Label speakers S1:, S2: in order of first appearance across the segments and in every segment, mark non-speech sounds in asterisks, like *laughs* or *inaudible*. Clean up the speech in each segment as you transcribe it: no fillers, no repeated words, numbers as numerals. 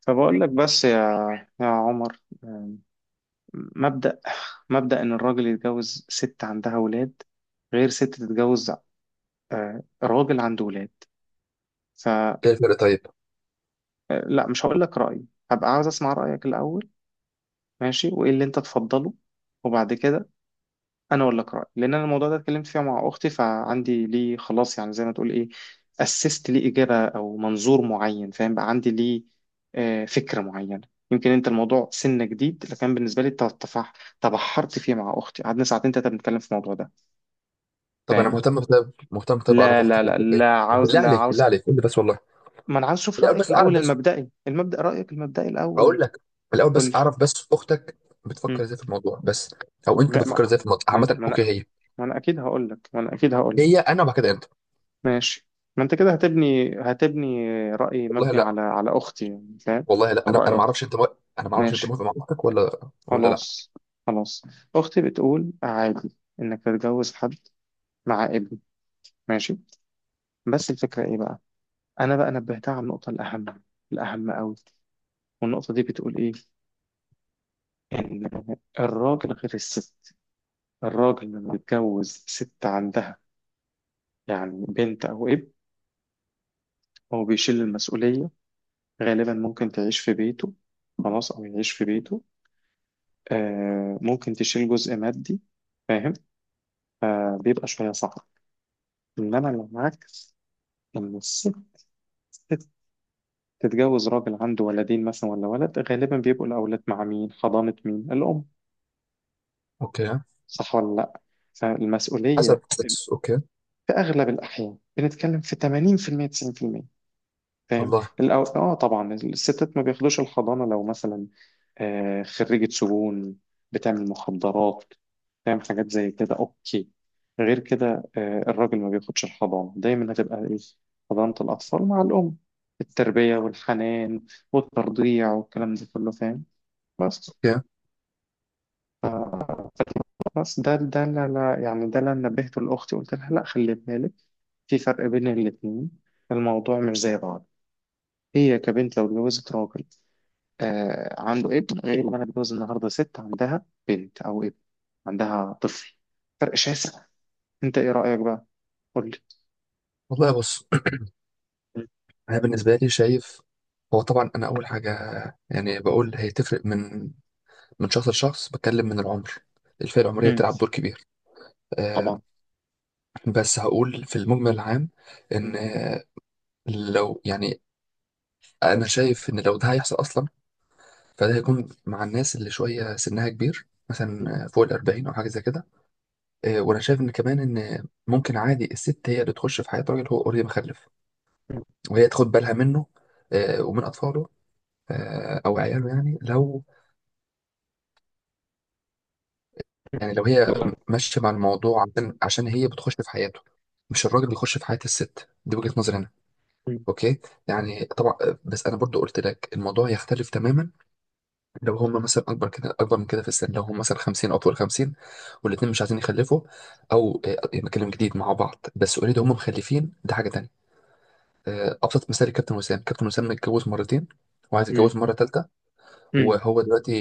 S1: فبقول لك بس يا عمر، مبدأ مبدأ إن الراجل يتجوز ست عندها ولاد غير ست تتجوز آه، راجل عنده ولاد، فلا.
S2: ايه الفرق طيب؟
S1: مش هقول لك رأيي، هبقى عاوز أسمع رأيك الأول. ماشي، وإيه اللي أنت تفضله وبعد كده. انا اقول لك رايي، لان انا الموضوع ده اتكلمت فيه مع اختي، فعندي ليه خلاص، يعني زي ما تقول ايه، اسست ليه اجابه او منظور معين، فاهم؟ بقى عندي ليه آه، فكره معينه. يمكن انت الموضوع سنه جديد، لكن بالنسبه لي تبحرت فيه مع اختي، قعدنا ساعتين تلاته بنتكلم في الموضوع ده.
S2: طب انا
S1: فاهم؟
S2: مهتم بطيب اعرف
S1: لا
S2: اختك
S1: لا
S2: اللي
S1: لا
S2: بتحب ايه،
S1: لا عاوز
S2: بالله
S1: لا
S2: عليك،
S1: عاوز
S2: بالله عليك قول لي بس والله.
S1: ما انا عاوز اشوف
S2: الاول
S1: رايك
S2: بس اعرف
S1: الاول
S2: بس
S1: المبدئي، المبدا رايك المبدئي الاول.
S2: اقول لك. الاول
S1: قول
S2: بس
S1: لي.
S2: اعرف بس اختك بتفكر
S1: مم.
S2: ازاي في الموضوع بس، او انت
S1: ما
S2: بتفكر
S1: ما
S2: ازاي في الموضوع
S1: ما انا
S2: عامه.
S1: ما
S2: اوكي،
S1: أنا-
S2: هي
S1: ما أنا اكيد هقول لك، ما انا اكيد هقول.
S2: هي انا وبعد كده انت.
S1: ماشي. ما انت كده هتبني رأي
S2: والله
S1: مبني
S2: لا،
S1: على اختي يعني، فاهم؟
S2: والله لا،
S1: او
S2: انا
S1: رأي
S2: انا ما
S1: اختي.
S2: اعرفش انت مو، انا ما اعرفش انت
S1: ماشي.
S2: موافق مع اختك ولا لا.
S1: خلاص. خلاص. اختي بتقول عادي انك تتجوز حد مع ابن. ماشي. بس الفكرة ايه بقى؟ انا بقى نبهتها على النقطة الاهم، الاهم قوي. والنقطة دي بتقول ايه؟ ان الراجل غير الست. الراجل لما بيتجوز ست عندها يعني بنت او ابن، هو بيشيل المسؤولية. غالبا ممكن تعيش في بيته، خلاص، او يعيش في بيته. آه، ممكن تشيل جزء مادي، فاهم؟ آه، بيبقى شوية صعب. إنما لو العكس، لما الست، ست تتجوز راجل عنده ولدين مثلا ولا ولد، غالبا بيبقوا الأولاد مع مين؟ حضانة مين؟ الأم.
S2: اوكي.
S1: صح ولا لأ؟
S2: حسب
S1: فالمسؤولية
S2: بس اوكي.
S1: في أغلب الأحيان، بنتكلم في 80%، 90%. فاهم؟
S2: والله.
S1: اه طبعا الستات ما بياخدوش الحضانه لو مثلا آه خريجه سجون، بتعمل مخدرات، فاهم، حاجات زي كده. اوكي، غير كده آه الراجل ما بياخدش الحضانه، دايما هتبقى ايه؟ حضانه الاطفال مع الام، التربيه والحنان والترضيع والكلام ده كله، فاهم؟ بس،
S2: اوكي،
S1: ده لا لا يعني ده اللي أنا نبهته لاختي، قلت لها لا، خلي بالك، في فرق بين الاثنين، الموضوع مش زي بعض. هي كبنت لو اتجوزت راجل آه عنده ابن، غير اللي انا بتجوز النهارده ست عندها بنت او ابن، عندها طفل. فرق شاسع. انت ايه رأيك بقى؟ قول لي.
S2: والله بص. *clears throat* انا بالنسبه لي شايف، هو طبعا انا اول حاجه يعني بقول هي تفرق من شخص لشخص، بتكلم من العمر. الفئة العمرية
S1: مم.
S2: تلعب دور كبير. آه،
S1: طبعا.
S2: بس هقول في المجمل العام
S1: مم.
S2: إن آه، لو يعني أنا شايف إن لو ده هيحصل أصلا، فده هيكون مع الناس اللي شوية سنها كبير،
S1: مم.
S2: مثلا آه، فوق 40 أو حاجة زي كده. آه، وأنا شايف إن كمان إن ممكن عادي الست هي اللي تخش في حياة راجل هو أوريدي مخلف، وهي تاخد بالها منه، آه، ومن أطفاله، آه، أو عياله. يعني لو يعني لو هي
S1: مم.
S2: ماشيه مع الموضوع، عشان هي بتخش في حياته، مش الراجل بيخش في حياه الست دي. وجهه نظري انا. اوكي يعني طبعا. بس انا برضو قلت لك الموضوع يختلف تماما لو هم مثلا اكبر كده، اكبر من كده في السن، لو هم مثلا 50 او فوق ال 50 والاثنين مش عايزين يخلفوا، او آه، بكلم جديد مع بعض، بس اوريدي هم مخلفين، ده حاجه تانية. آه، ابسط مثال كابتن وسام. كابتن وسام متجوز مرتين وعايز
S1: مم.
S2: يتجوز مره ثالثه،
S1: مم.
S2: وهو دلوقتي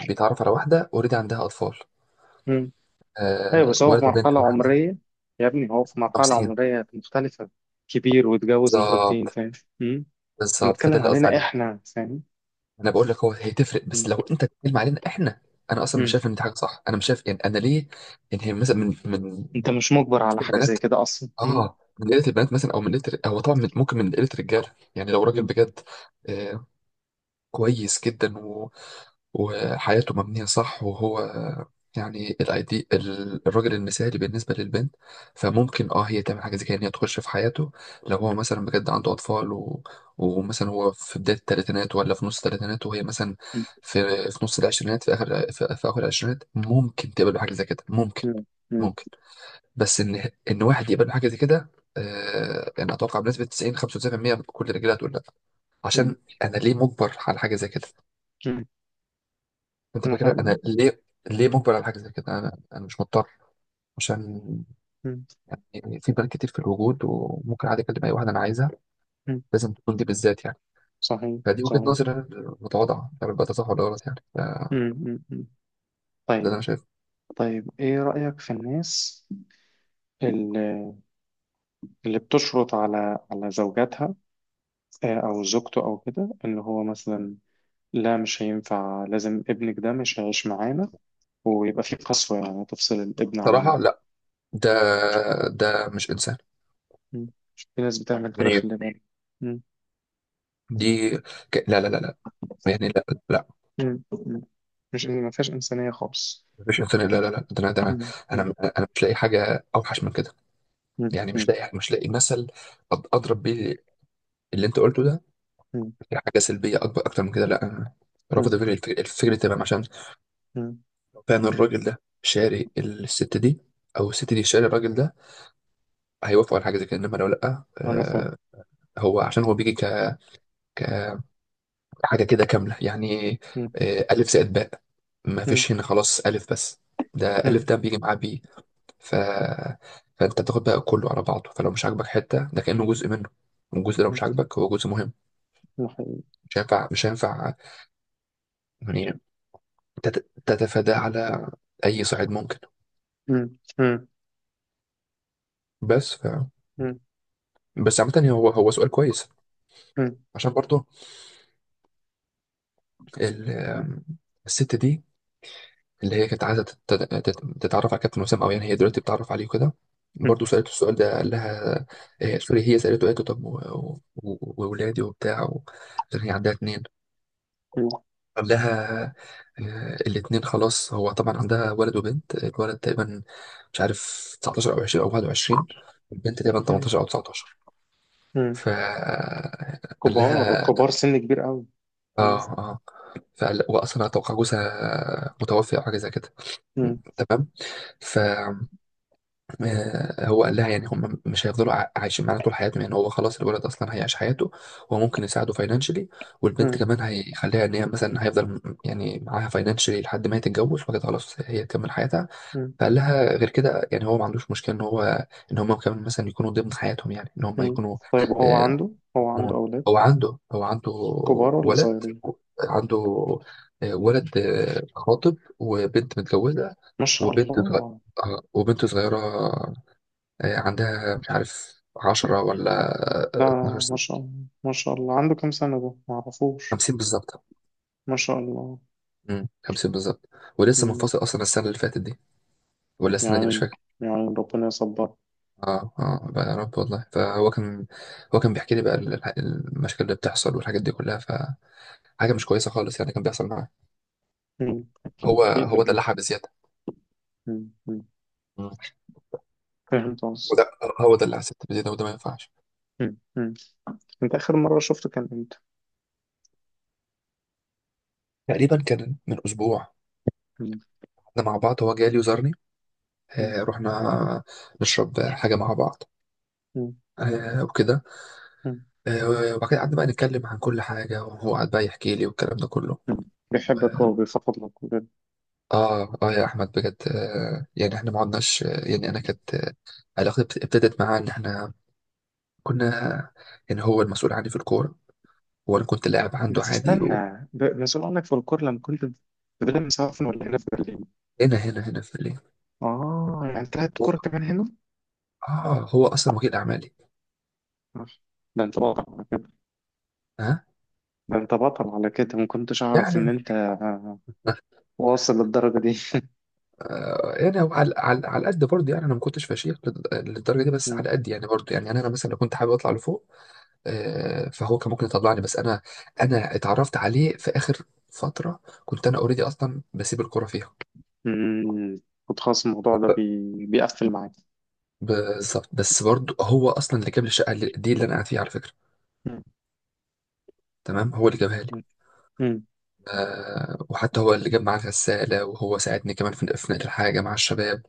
S2: بيتعرف على واحده اوريدي عندها اطفال،
S1: مم. ايوه،
S2: آه،
S1: بس هو في
S2: ولد وبنت.
S1: مرحلة عمرية، يا ابني هو في مرحلة
S2: 50
S1: عمرية مختلفة، كبير واتجوز مرتين،
S2: بالظبط.
S1: فاهم؟ مم. انا
S2: بالظبط، فده
S1: بتكلم
S2: اللي قصدي
S1: علينا
S2: عليه.
S1: احنا، فاهم؟
S2: انا بقول لك هو هي تفرق، بس
S1: مم.
S2: لو انت بتتكلم علينا احنا انا اصلا مش
S1: مم.
S2: شايف ان دي حاجه صح. انا مش شايف يعني انا ليه؟ يعني هي مثلا من
S1: انت مش مجبر على حاجة زي
S2: البنات،
S1: كده اصلا. مم.
S2: اه من قله البنات مثلا، او من قله، هو طبعا ممكن من قله الرجاله. يعني لو راجل
S1: مم.
S2: بجد آه كويس جدا وحياته مبنية صح، وهو يعني الايدي، الراجل المثالي بالنسبة للبنت، فممكن اه هي تعمل حاجة زي كده ان هي تخش في حياته. لو هو مثلا بجد عنده اطفال و، ومثلا هو في بداية 30 ولا في نص 30، وهي مثلا
S1: مم.
S2: في في نص 20، في اخر في اخر 20، ممكن تقبل بحاجة زي كده، ممكن،
S1: مم.
S2: ممكن. بس ان واحد يقبل بحاجة زي كده، آه يعني اتوقع بنسبة 90 95% كل الرجاله هتقول لا.
S1: مم.
S2: عشان انا ليه مجبر على حاجة زي كده؟ انت فاكر انا ليه ليه مجبر على حاجه زي كده؟ انا مش مضطر، عشان
S1: مم.
S2: يعني في بنات كتير في الوجود، وممكن عادي اكلم اي واحده انا عايزها،
S1: مم.
S2: لازم تكون دي بالذات يعني؟
S1: صحيح
S2: فدي وجهه
S1: صحيح.
S2: نظري انا المتواضعه يعني، بقى ده صح ولا غلط يعني. ده
S1: امم
S2: اللي
S1: طيب.
S2: انا شايفه.
S1: طيب ايه رأيك في الناس اللي, اللي بتشرط على زوجاتها آه، او زوجته او كده، ان هو مثلا لا مش هينفع، لازم ابنك ده مش هيعيش معانا، ويبقى في قسوة يعني، تفصل الابن عن
S2: صراحه لا، ده ده مش انسان
S1: مم. في ناس بتعمل كده،
S2: يعني.
S1: خلي بالك. مم.
S2: دي لا لا لا لا، يعني لا، لا.
S1: مم. مم. مش ما فيهاش إنسانية خالص.
S2: مفيش انسان، لا لا لا، ده انا،
S1: مم. مم.
S2: انا أنا مش لاقي حاجه اوحش من كده.
S1: مم.
S2: يعني مش
S1: مم.
S2: لاقي، مش لاقي مثل، اضرب بيه اللي انت قلته ده
S1: مم.
S2: يعني، حاجة سلبية أكبر أكتر من كده. لأ أنا رافض
S1: مم.
S2: فكرة، الفكرة تمام، عشان
S1: مم.
S2: فعلا الراجل ده شاري الست دي، أو الست دي شاري الراجل ده، هيوافقوا على حاجة زي كده. إنما لو لأ،
S1: انا فاهم.
S2: آه هو عشان هو بيجي كحاجة كده كاملة يعني.
S1: مم.
S2: آه، ألف زائد باء، ما
S1: مم.
S2: فيش هنا خلاص ألف بس، ده ألف
S1: مم.
S2: ده بيجي معاه بيه. ف، فأنت بتاخد بقى كله على بعضه، فلو مش عاجبك حتة ده، كأنه جزء منه، والجزء ده لو
S1: مم.
S2: مش عاجبك هو جزء مهم،
S1: ده حقيقي.
S2: مش هينفع، مش هينفع يعني تتفاداه على اي صعيد ممكن.
S1: مم.
S2: بس ف،
S1: مم.
S2: بس عامة هو هو سؤال كويس،
S1: مم.
S2: عشان برضه ال، الست دي اللي هي كانت عايزة تتعرف على كابتن وسام، او يعني هي دلوقتي بتتعرف عليه وكده،
S1: مم.
S2: برضه سألته السؤال ده. قال لها آه، سوري، هي سألته، قالت له طب وولادي وبتاع عشان هي عندها 2. قال لها آه، 2 خلاص. هو طبعا عندها ولد وبنت، الولد تقريبا مش عارف 19 او 20 او 21، البنت تقريبا
S1: مم.
S2: 18 او 19.
S1: مم.
S2: فقال
S1: كبار
S2: لها
S1: كبار، سن كبير قوي.
S2: اه
S1: مم.
S2: اه، فقال واصلا اتوقع جوزها متوفي او حاجه زي كده،
S1: مم.
S2: تمام. فهو قال لها يعني هم مش هيفضلوا عايشين معانا طول حياتهم، يعني هو خلاص الولد اصلا هيعيش حياته، هو ممكن يساعده فاينانشلي، والبنت
S1: مم.
S2: كمان هيخليها ان هي مثلا هيفضل يعني معاها فاينانشلي لحد ما هي تتجوز، وبعد كده خلاص هي تكمل حياتها.
S1: مم.
S2: فقال لها غير كده يعني هو ما عندوش مشكله ان هو ان هم كمان مثلا يكونوا ضمن حياتهم، يعني ان هم
S1: مم.
S2: يكونوا
S1: طيب هو
S2: آه،
S1: عنده، هو عنده
S2: مم.
S1: أولاد
S2: هو عنده، هو عنده
S1: كبار ولا
S2: ولد،
S1: صغيرين؟
S2: عنده آه، ولد آه، خاطب، وبنت متجوزة،
S1: ما شاء
S2: وبنت صغيرة،
S1: الله.
S2: وبنت صغيرة آه، عندها مش عارف 10 ولا
S1: ده
S2: آه، اتناشر
S1: ما
S2: سنة
S1: شاء الله. ما شاء الله، عنده كام سنة ده ما اعرفوش.
S2: خمسين بالظبط.
S1: ما شاء الله.
S2: مم، 50 بالظبط، ولسه
S1: مم.
S2: منفصل أصلا السنة اللي فاتت دي ولا السنة دي مش
S1: يعني،
S2: فاكر.
S1: يعني ربنا يصبر.
S2: اه اه، بقى يا رب والله. فهو كان، هو كان بيحكي لي بقى المشاكل اللي بتحصل والحاجات دي كلها، فحاجة مش كويسة خالص يعني، كان بيحصل معاه.
S1: مم. أكيد.
S2: هو هو
S1: أكيد.
S2: دلعها بزيادة،
S1: مم. مم. فهمت قصدك.
S2: وده هو ده اللي حسيت بيه ده، وده ما ينفعش.
S1: مم. مم. أنت آخر مرة شفته كان إمتى؟
S2: تقريبا كان من اسبوع
S1: مم.
S2: احنا مع بعض، هو جالي وزارني،
S1: مم.
S2: آه رحنا نشرب حاجه مع بعض،
S1: مم.
S2: آه وكده،
S1: مم.
S2: آه وبعد كده قعدنا بقى نتكلم عن كل حاجه، وهو قعد بقى يحكي لي والكلام ده كله.
S1: بيحبك، هو بيفضلك.
S2: اه اه يا احمد بجد آه، يعني احنا ما عدناش آه، يعني انا كانت آه، علاقتي ابتدت معاه ان احنا كنا يعني، هو المسؤول عني في الكوره، وانا كنت لاعب عنده
S1: بس
S2: عادي وهنا.
S1: استنى، مسؤول عنك في الكورة لما كنت في برلين مسافر، ولا هنا في برلين؟
S2: هنا في الليل.
S1: آه، يعني تلعب
S2: هو-
S1: كورة كمان هنا؟
S2: اه هو اصلا وكيل اعمالي.
S1: آه، ده أنت بطل على كده.
S2: ها
S1: ده أنت بطل على كده، ما كنتش أعرف إن
S2: يعني
S1: أنت آه، واصل للدرجة دي.
S2: يعني هو على على على قد برضه يعني، انا ما كنتش فشيخ للدرجه دي، بس
S1: مم.
S2: على قد يعني برضه يعني. يعني انا مثلا لو كنت حابب اطلع لفوق آه، فهو كان ممكن يطلعني، بس انا، اتعرفت عليه في اخر فتره كنت انا اوريدي اصلا بسيب الكوره فيها.
S1: مم. كنت خلاص الموضوع ده بيقفل معاك.
S2: بالظبط، بس برضه هو اصلا اللي جاب لي الشقه دي اللي انا قاعد فيها على فكره،
S1: مم.
S2: تمام، هو اللي جابها لي.
S1: مم.
S2: آه، وحتى هو اللي جاب معاه الغساله، وهو ساعدني كمان في نقل الحاجه مع الشباب.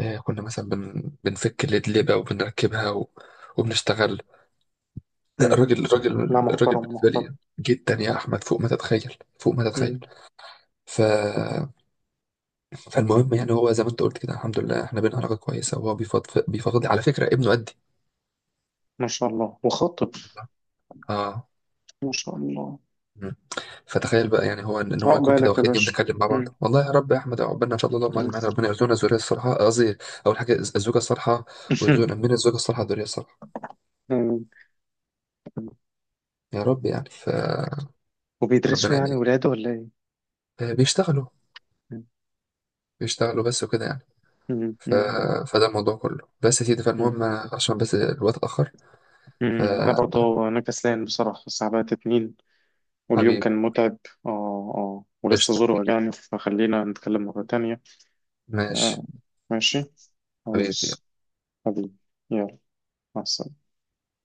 S2: آه كنا مثلا بنفك الادلبه وبنركبها و، وبنشتغل. لا،
S1: مم.
S2: الراجل، الراجل
S1: لا،
S2: الراجل
S1: محترم
S2: بالنسبه
S1: محترم.
S2: لي جدا يا احمد، فوق ما تتخيل، فوق ما تتخيل.
S1: مم.
S2: ف، فالمهم يعني هو زي ما انت قلت كده، الحمد لله احنا بينا علاقه كويسه، وهو بيفضفض، بيفضفض لي على فكره. ابنه قدي.
S1: ما شاء الله، وخطب.
S2: اه.
S1: ما شاء الله.
S2: مم. فتخيل بقى، يعني هو ان إن هو يكون كده
S1: عقبالك يا
S2: واخدني
S1: باشا.
S2: وبنتكلم مع بعض،
S1: مم.
S2: والله يا رب يا احمد عقبالنا ان شاء الله، اللهم
S1: مم.
S2: اجمعنا، ربنا يرزقنا الذريه الصالحه. قصدي اول حاجه الزوجه الصالحه،
S1: *laughs*
S2: ويرزقنا من الزوجه الصالحه الذريه الصالحه،
S1: مم.
S2: يا رب يعني. فربنا
S1: وبيدرسوا
S2: يعني
S1: يعني ولاده ولا إيه؟
S2: آه، بيشتغلوا، بيشتغلوا بس وكده يعني.
S1: مم.
S2: ف،
S1: مم.
S2: فده الموضوع كله، بس يا سيدي
S1: مم.
S2: فالمهم عشان بس الوقت اتأخر،
S1: مم. انا برضه انا كسلان بصراحه، الساعه بقت 2، واليوم
S2: فحبيبي
S1: كان متعب. اه اه، ولسه
S2: قشطة،
S1: زور وجعني، فخلينا نتكلم مره تانية.
S2: ماشي،
S1: آه. ماشي.
S2: حبيبي.
S1: خلاص. حبيبي. يلا.